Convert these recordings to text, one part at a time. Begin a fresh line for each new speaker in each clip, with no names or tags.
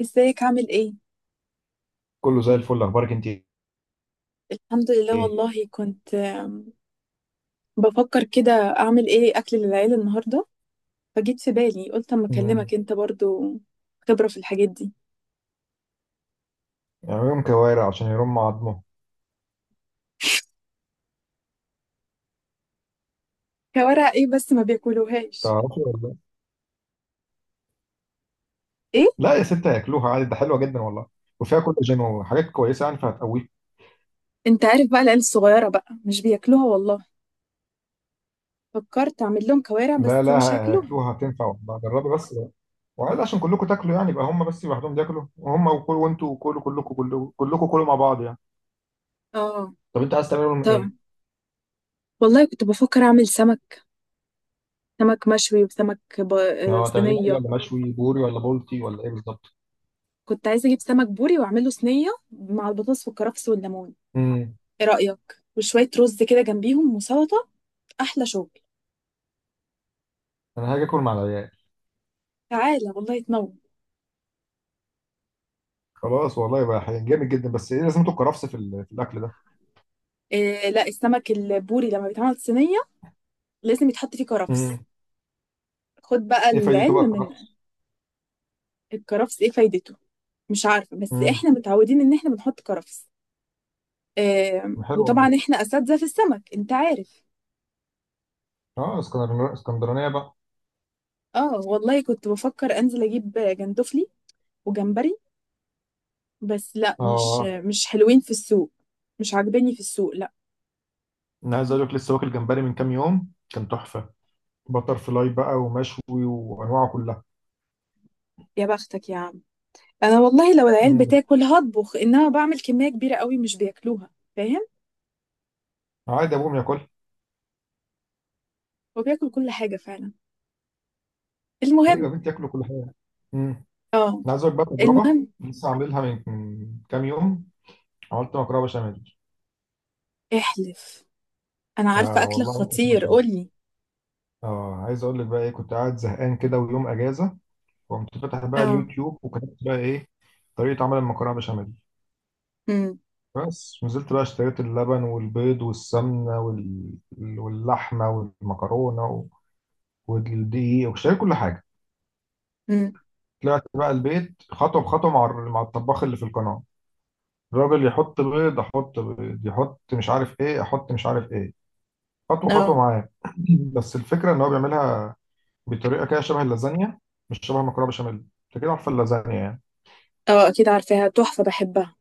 ازيك عامل ايه؟
كله زي الفل، اخبارك انت؟
الحمد لله
ايه؟
والله. كنت بفكر كده اعمل ايه اكل للعيلة النهاردة. فجيت في بالي قلت اما
مم.
اكلمك انت برضو خبرة في الحاجات دي.
يعملهم كوارع عشان يرموا عظمه.
كوارع ايه بس ما بياكلوهاش.
تعرفي ولا لا؟
ايه؟
لا يا ستة، هياكلوها عادي، ده حلوه جدا والله. وفيها كولاجين وحاجات كويسه، يعني فهتقويك.
انت عارف بقى العيال الصغيرة بقى مش بياكلوها والله. فكرت اعمل لهم كوارع
لا،
بس
لا.
مش هاكلوها.
هياكلوها، هتنفع والله، جربي بس. وعادي عشان كلكم تاكلوا يعني، يبقى هم بس لوحدهم بياكلوا وهم وكل، وانتوا كلوا كلكم كلكم كلكم كلوا مع بعض يعني.
اه.
طب انت عايز تعملهم ايه؟
طبعا. والله كنت بفكر اعمل سمك. سمك مشوي وسمك ب... آه،
اه، تعمليه مقلي
صينية.
ولا مشوي، بوري ولا بولتي ولا ايه بالظبط؟
كنت عايزة اجيب سمك بوري واعمله صينية مع البطاطس والكرفس والليمون.
امم
ايه رأيك وشوية رز كده جنبيهم وسلطة. أحلى شغل.
انا هاجي اكل مع العيال.
تعالى والله تنور.
خلاص والله، يبقى جامد جدا، بس ايه لازمته الكرفس في الاكل ده؟
إيه، لا السمك البوري لما بيتعمل صينية لازم يتحط فيه كرفس.
امم.
خد بقى
ايه فايدته بقى
العلم من.
الكرفس؟
الكرفس ايه فايدته. مش عارفة بس
امم.
احنا متعودين ان احنا بنحط كرفس. إيه.
حلو والله.
وطبعا احنا أساتذة في السمك انت عارف.
اه، اسكندرانية اسكندرانية بقى.
اه والله كنت بفكر انزل اجيب جندفلي وجمبري. بس لا، مش
اه،
مش حلوين في السوق. مش عاجباني في السوق لا.
انا عايز اقول لك، لسه واكل جمبري من كام يوم، كان تحفة. بتر فلاي بقى، ومشوي، وانواعه كلها.
يا بختك يا عم. انا والله لو العيال
امم.
بتاكل هطبخ، انما بعمل كميه كبيره قوي مش بياكلوها. فاهم.
عادي، ابوهم ياكل.
وبياكل كل حاجه فعلا.
ايوه
المهم.
يا بنتي، ياكلوا كل حاجة. امم.
اه.
انا عايز اقول لك بقى تجربة،
المهم.
لسه عاملها من كام يوم. عملت مكرونة بشاميل.
احلف. انا عارفه
اه
اكلك
والله، عملت مكرونة
خطير
بشاميل.
قولي.
اه، عايز اقول لك بقى ايه، كنت قاعد زهقان كده ويوم اجازة. وقمت فاتح بقى
اه.
اليوتيوب، وكتبت بقى ايه؟ طريقة عمل المكرونة بشاميل.
امم.
بس نزلت بقى اشتريت اللبن والبيض والسمنة واللحمة والمكرونة والدقيق، واشتريت كل حاجة.
امم.
طلعت بقى البيت خطوة بخطوة مع الطباخ اللي في القناة. الراجل يحط بيض أحط بيض، يحط مش عارف إيه أحط مش عارف إيه. خطوة خطوة
اه.
معاه. بس الفكرة إن هو بيعملها بطريقة كده شبه اللازانيا، مش شبه المكرونة بشاميل. أنت كده عارفة اللازانيا يعني.
اه اكيد عارفاها تحفه بحبها.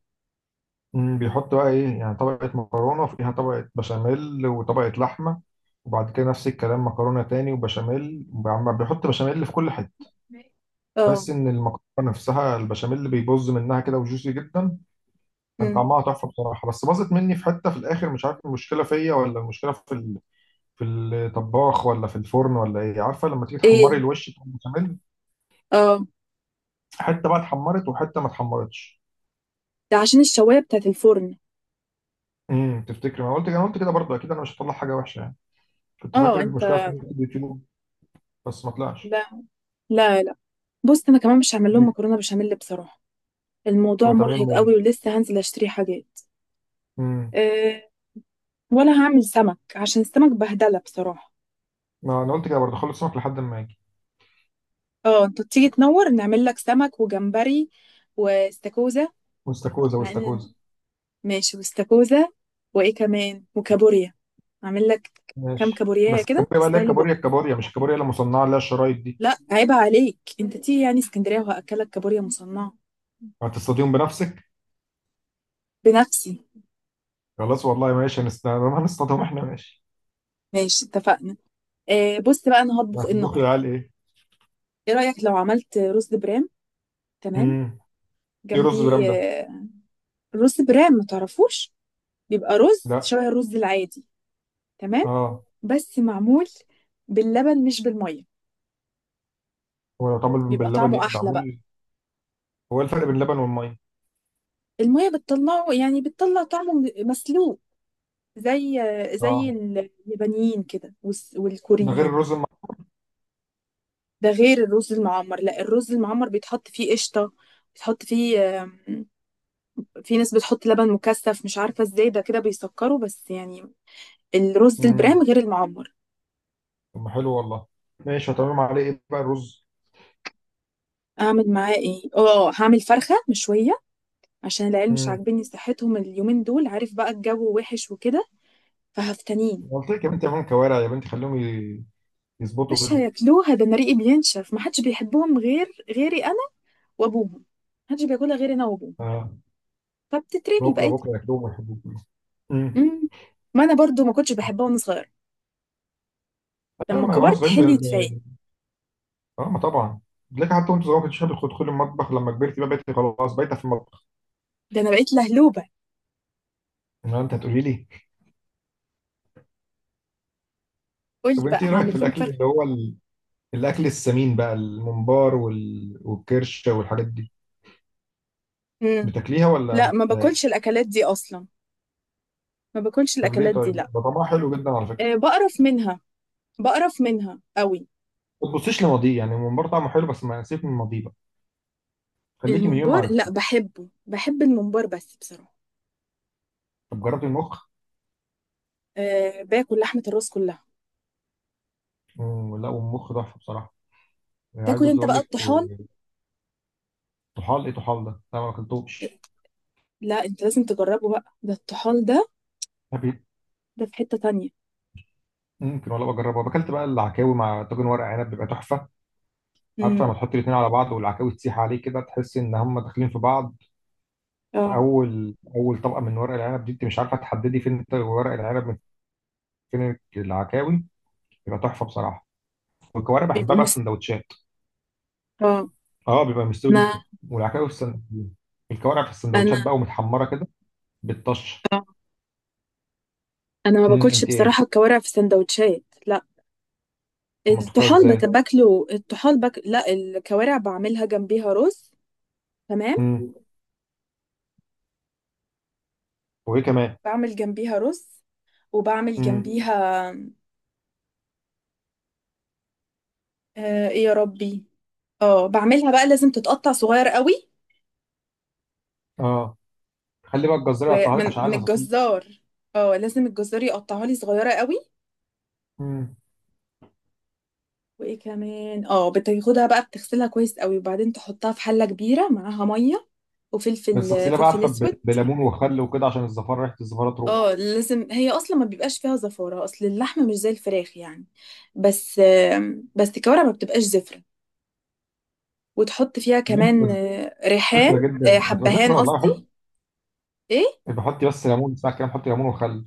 بيحط بقى ايه يعني، طبقة مكرونة وفيها طبقة بشاميل وطبقة لحمة. وبعد كده نفس الكلام، مكرونة تاني وبشاميل، عم بيحط بشاميل في كل حتة.
اه.
تحس ان المكرونة نفسها، البشاميل اللي بيبوظ منها كده، وجوسي جدا. كان
امم.
طعمها تحفة بصراحة، بس باظت مني في حتة في الاخر، مش عارف المشكلة فيا ولا المشكلة في الطباخ ولا في الفرن ولا ايه. عارفة لما تيجي
ايه.
تحمري الوش بتاع البشاميل،
اه.
حتة بقى اتحمرت وحتة ما اتحمرتش.
ده عشان الشوايه بتاعت الفرن.
تفتكري؟ ما أنا قلت انا قلت كده برضه، اكيد انا مش هطلع حاجة وحشة يعني. كنت
اه
فاكر
انت،
المشكلة في اليوتيوب، بس ما طلعش.
لا، لا، لا. بص انا كمان مش هعمل لهم
مم.
مكرونه بشاميل بصراحه. الموضوع
تبقى 80
مرهق قوي
و100.
ولسه هنزل اشتري حاجات.
امم.
آه. ولا هعمل سمك عشان السمك بهدلة بصراحة.
ما انا قلت كده برضه، خلص سمك لحد ما اجي.
اه انت تيجي تنور نعمل لك سمك وجمبري واستاكوزا.
واستاكوزا
مع ان،
واستاكوزا.
ماشي واستاكوزا. وايه كمان وكابوريا. اعمل لك. كام
ماشي،
كابوريا
بس
كده
الكابوريا بقى اللي هي
يستاهلوا
الكابوريا
بقى.
الكابوريا، مش الكابوريا اللي مصنعه اللي هي الشرايط دي.
لا عيب عليك، انت تيجي يعني اسكندرية وهأكلك كابوريا مصنعة.
هتصطاديهم بنفسك؟
بنفسي.
خلاص والله، ماشي، هنصطادهم احنا، ماشي.
ماشي اتفقنا. آه بص بقى انا هطبخ ايه
هتطبخ يا
النهارده.
عيال ايه؟
ايه رأيك لو عملت رز برام؟ تمام.
امم. ايه رز برام
جنبيه.
ده؟
رز برام ما تعرفوش؟ بيبقى رز
لا.
شبه الرز العادي. تمام.
اه.
بس معمول باللبن مش بالميه.
هو لو اتعمل
بيبقى
باللبن
طعمه
يبقى
احلى بقى.
معمول. هو إيه الفرق بين اللبن والميه؟
الميه بتطلعه، يعني بتطلع طعمه مسلوق. زي زي
اه.
اليابانيين كده
ده غير
والكوريين.
الرز.
ده غير الرز المعمر، لا الرز المعمر بيتحط فيه قشطه. بتحط فيه في ناس بتحط لبن مكثف مش عارفه ازاي ده كده بيسكره بس يعني. الرز البرام
امم.
غير المعمر.
طب ما حلو والله. ماشي، هتعملهم عليه ايه بقى الرز؟
اعمل معاه ايه، اه هعمل فرخه مشويه عشان العيال مش
امم.
عاجبني صحتهم اليومين دول، عارف بقى الجو وحش وكده. فهفتنين.
قلت لك يا بنتي اعملهم كوارع، يا بنتي خليهم يظبطوا
مش
جدا.
هياكلوها، ده انا ريقي بينشف، ما حدش بيحبهم غير غيري انا وابوهم. ما حدش بياكلها غير انا وابوهم.
آه.
فبتترمي
بكره
بقيت.
بكره ياكلوهم ويحبوهم كلهم. امم.
امم. ما انا برضو ما كنتش بحبها وانا صغيره،
انا
لما
ما واحنا
كبرت
صغيرين ب-
حليت فيا.
ب- اه، ما طبعا. بتلاقي حتى وانت صغير ما كنتش حابب تدخل المطبخ، لما كبرت بقى بقيت خلاص بايته في المطبخ.
ده انا بقيت لهلوبه.
ما انت هتقولي لي.
قول
طب
لي بقى
انت ايه رايك في
هعمل لهم
الاكل
فرخه.
اللي هو الاكل السمين بقى، الممبار والكرشه والحاجات دي.
امم.
بتاكليها ولا
لا
ما
ما باكلش
بتاكلهاش؟
الاكلات دي اصلا. ما باكلش
طب ليه؟
الاكلات دي
طيب
لا.
ده طعمها حلو جدا على فكره.
أه بقرف منها. بقرف منها قوي.
ما تبصيش لماضيه، يعني الممبار طعمه حلو، بس ما سيبك من الماضيه بقى. خليكي من يوم ما
الممبار لا
عرفتيه.
بحبه، بحب الممبار بس بصراحه.
طب جربتي المخ؟
أه باكل لحمه الراس كلها.
مم، لا، والمخ تحفه بصراحه. يعني عايز
تاكل انت
اقول
بقى
لك.
الطحال.
طحال ايه طحال ده؟ لا، ما اكلتوش.
لا انت لازم تجربه بقى ده الطحال ده.
أبي-
ده في حتة تانية.
ممكن ولا بجربه؟ اكلت بقى العكاوي مع طاجن ورق عنب، بيبقى تحفه. عارفه،
امم.
لما تحط الاثنين على بعض والعكاوي تسيح عليه كده، تحس ان هم داخلين في بعض. في
اه
اول اول طبقه من ورق العنب دي، انت مش عارفه تحددي فين ورق العنب من فين العكاوي. بيبقى تحفه بصراحه. والكوارع بحبها
بيبقوا
بقى في
مست
سندوتشات.
اه.
اه، بيبقى مستوي جدا.
انا
والعكاوي في السندوتشات، الكوارع في السندوتشات
انا
بقى ومتحمره كده، بالطشه.
اه انا ما باكلش
انت ايه؟
بصراحة الكوارع في سندوتشات لا.
ما بتاكلوها
الطحال
ازاي؟
باكله الطحال لا الكوارع بعملها جنبيها رز. تمام.
امم. وايه كمان؟
بعمل جنبيها رز. وبعمل
امم.
جنبيها. آه ايه يا ربي. اه بعملها بقى لازم تتقطع صغير قوي.
اه. خلي بقى الجزار يقطعها لك
ومن
عشان
من
عايز.
الجزار. اه لازم الجزار يقطعها لي صغيرة قوي.
مم.
وايه كمان، اه بتاخدها بقى بتغسلها كويس قوي وبعدين تحطها في حله كبيره معاها ميه، وفلفل
بس اغسليها بقى
فلفل
عارفه
اسود.
بليمون وخل وكده، عشان الزفاره ريحه الزفاره
اه
تروح.
لازم هي اصلا ما بيبقاش فيها زفاره، اصل اللحمه مش زي الفراخ يعني. بس الكوارع ما بتبقاش زفره. وتحط فيها كمان
بتبقى
ريحان.
زفره جدا، بتبقى زفره
حبهان
والله.
قصدي.
بحط
ايه.
بحط بس ليمون ساعه كده، بحط ليمون وخل.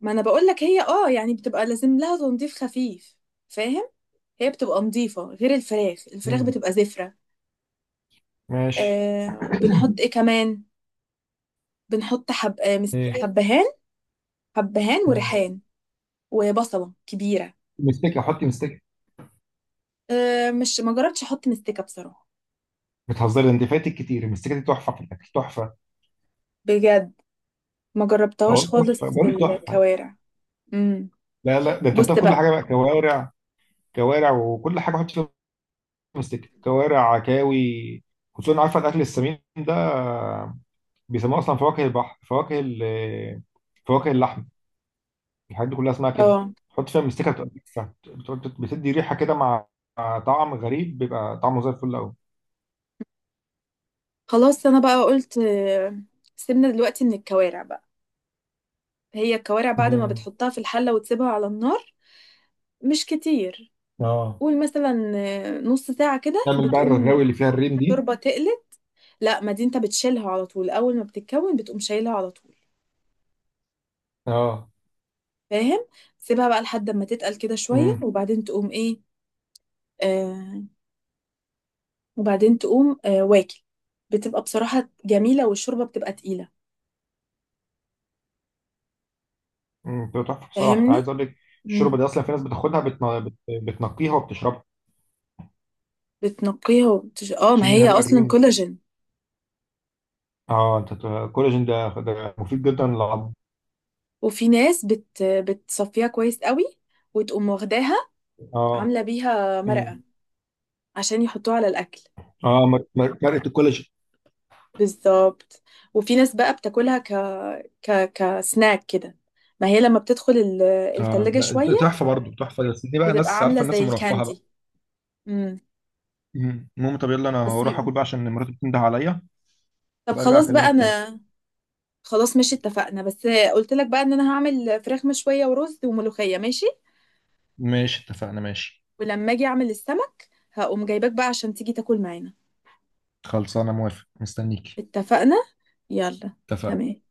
ما انا بقول لك، هي يعني بتبقى لازم لها تنظيف خفيف. فاهم. هي بتبقى نظيفه غير الفراخ
مم.
بتبقى زفره.
ماشي.
آه بنحط ايه كمان. بنحط
ايه؟
حبهان. حبهان
مم.
وريحان. وبصلة كبيرة.
مستكه، حطي مستكه.
أه مش ما جربتش احط مستكة بصراحة.
بتهزري انت؟ فاتك كتير، المستكه دي تحفه في الاكل، تحفه.
بجد، ما جربتهاش
اقول
خالص
تحفه
في
بقول لك تحفه.
الكوارع. امم.
لا، لا، ده انت
بص
حطيها في كل
بقى.
حاجه بقى، كوارع. كوارع وكل حاجه حطي فيها. مستكه، كوارع، عكاوي. خصوصا عارفه الاكل السمين ده، بيسموه اصلا فواكه البحر، فواكه اللحم. الحاجات دي كلها اسمها كده.
اه
تحط فيها مستكه بتبقى تحفة. بتدي ريحه كده، مع طعم غريب، بيبقى طعمه زي الفل قوي.
خلاص انا بقى قلت سيبنا دلوقتي من الكوارع بقى. هي الكوارع بعد ما
امم.
بتحطها في الحلة وتسيبها على النار مش كتير،
اه.
قول مثلا نص ساعة كده
تعمل بقى الرغاوي
بتقوم
اللي فيها الرين دي.
الشوربة تقلت. لا ما دي انت بتشيلها على طول، اول ما بتتكون بتقوم شايلها على طول.
اه.
فاهم. سيبها بقى لحد ما تتقل كده شوية
امم.
وبعدين تقوم ايه. آه. وبعدين تقوم واكل. بتبقى بصراحة جميلة والشوربة بتبقى تقيلة.
امم. بتبقى تحفه بصراحه،
فاهمني؟
عايز اقول لك. الشوربه
مم.
دي اصلا، في ناس بتاخدها بتنقيها وبتشربها.
اه ما
تشيل منها
هي
بقى
أصلا
الريم.
كولاجين.
اه، انت الكولاجين ده مفيد جدا للعظم.
وفي ناس بتصفيها كويس قوي وتقوم واخداها
اه.
عاملة بيها
امم.
مرقة عشان يحطوها على الأكل.
اه، مرقه الكولاجين.
بالظبط. وفي ناس بقى بتاكلها كسناك كده. ما هي لما بتدخل
اه،
التلاجة
ده
شوية
تحفه برضه، تحفه، بس دي بقى
بتبقى
ناس
عاملة
عارفه، الناس
زي
المرفهه بقى.
الكاندي. مم.
المهم، طب يلا، انا
بس
هروح
بيبقى-
اكل بقى عشان مراتي بتنده عليا،
طب
وبرجع
خلاص بقى
اكلمك تاني.
أنا. خلاص ماشي اتفقنا. بس قلت لك بقى ان انا هعمل فراخ مشوية ورز وملوخية، ماشي.
ماشي اتفقنا ماشي.
ولما اجي اعمل السمك هقوم جايباك بقى عشان تيجي تاكل معانا.
خلصانه، موافق، مستنيك.
اتفقنا. يلا.
اتفقنا.
تمام.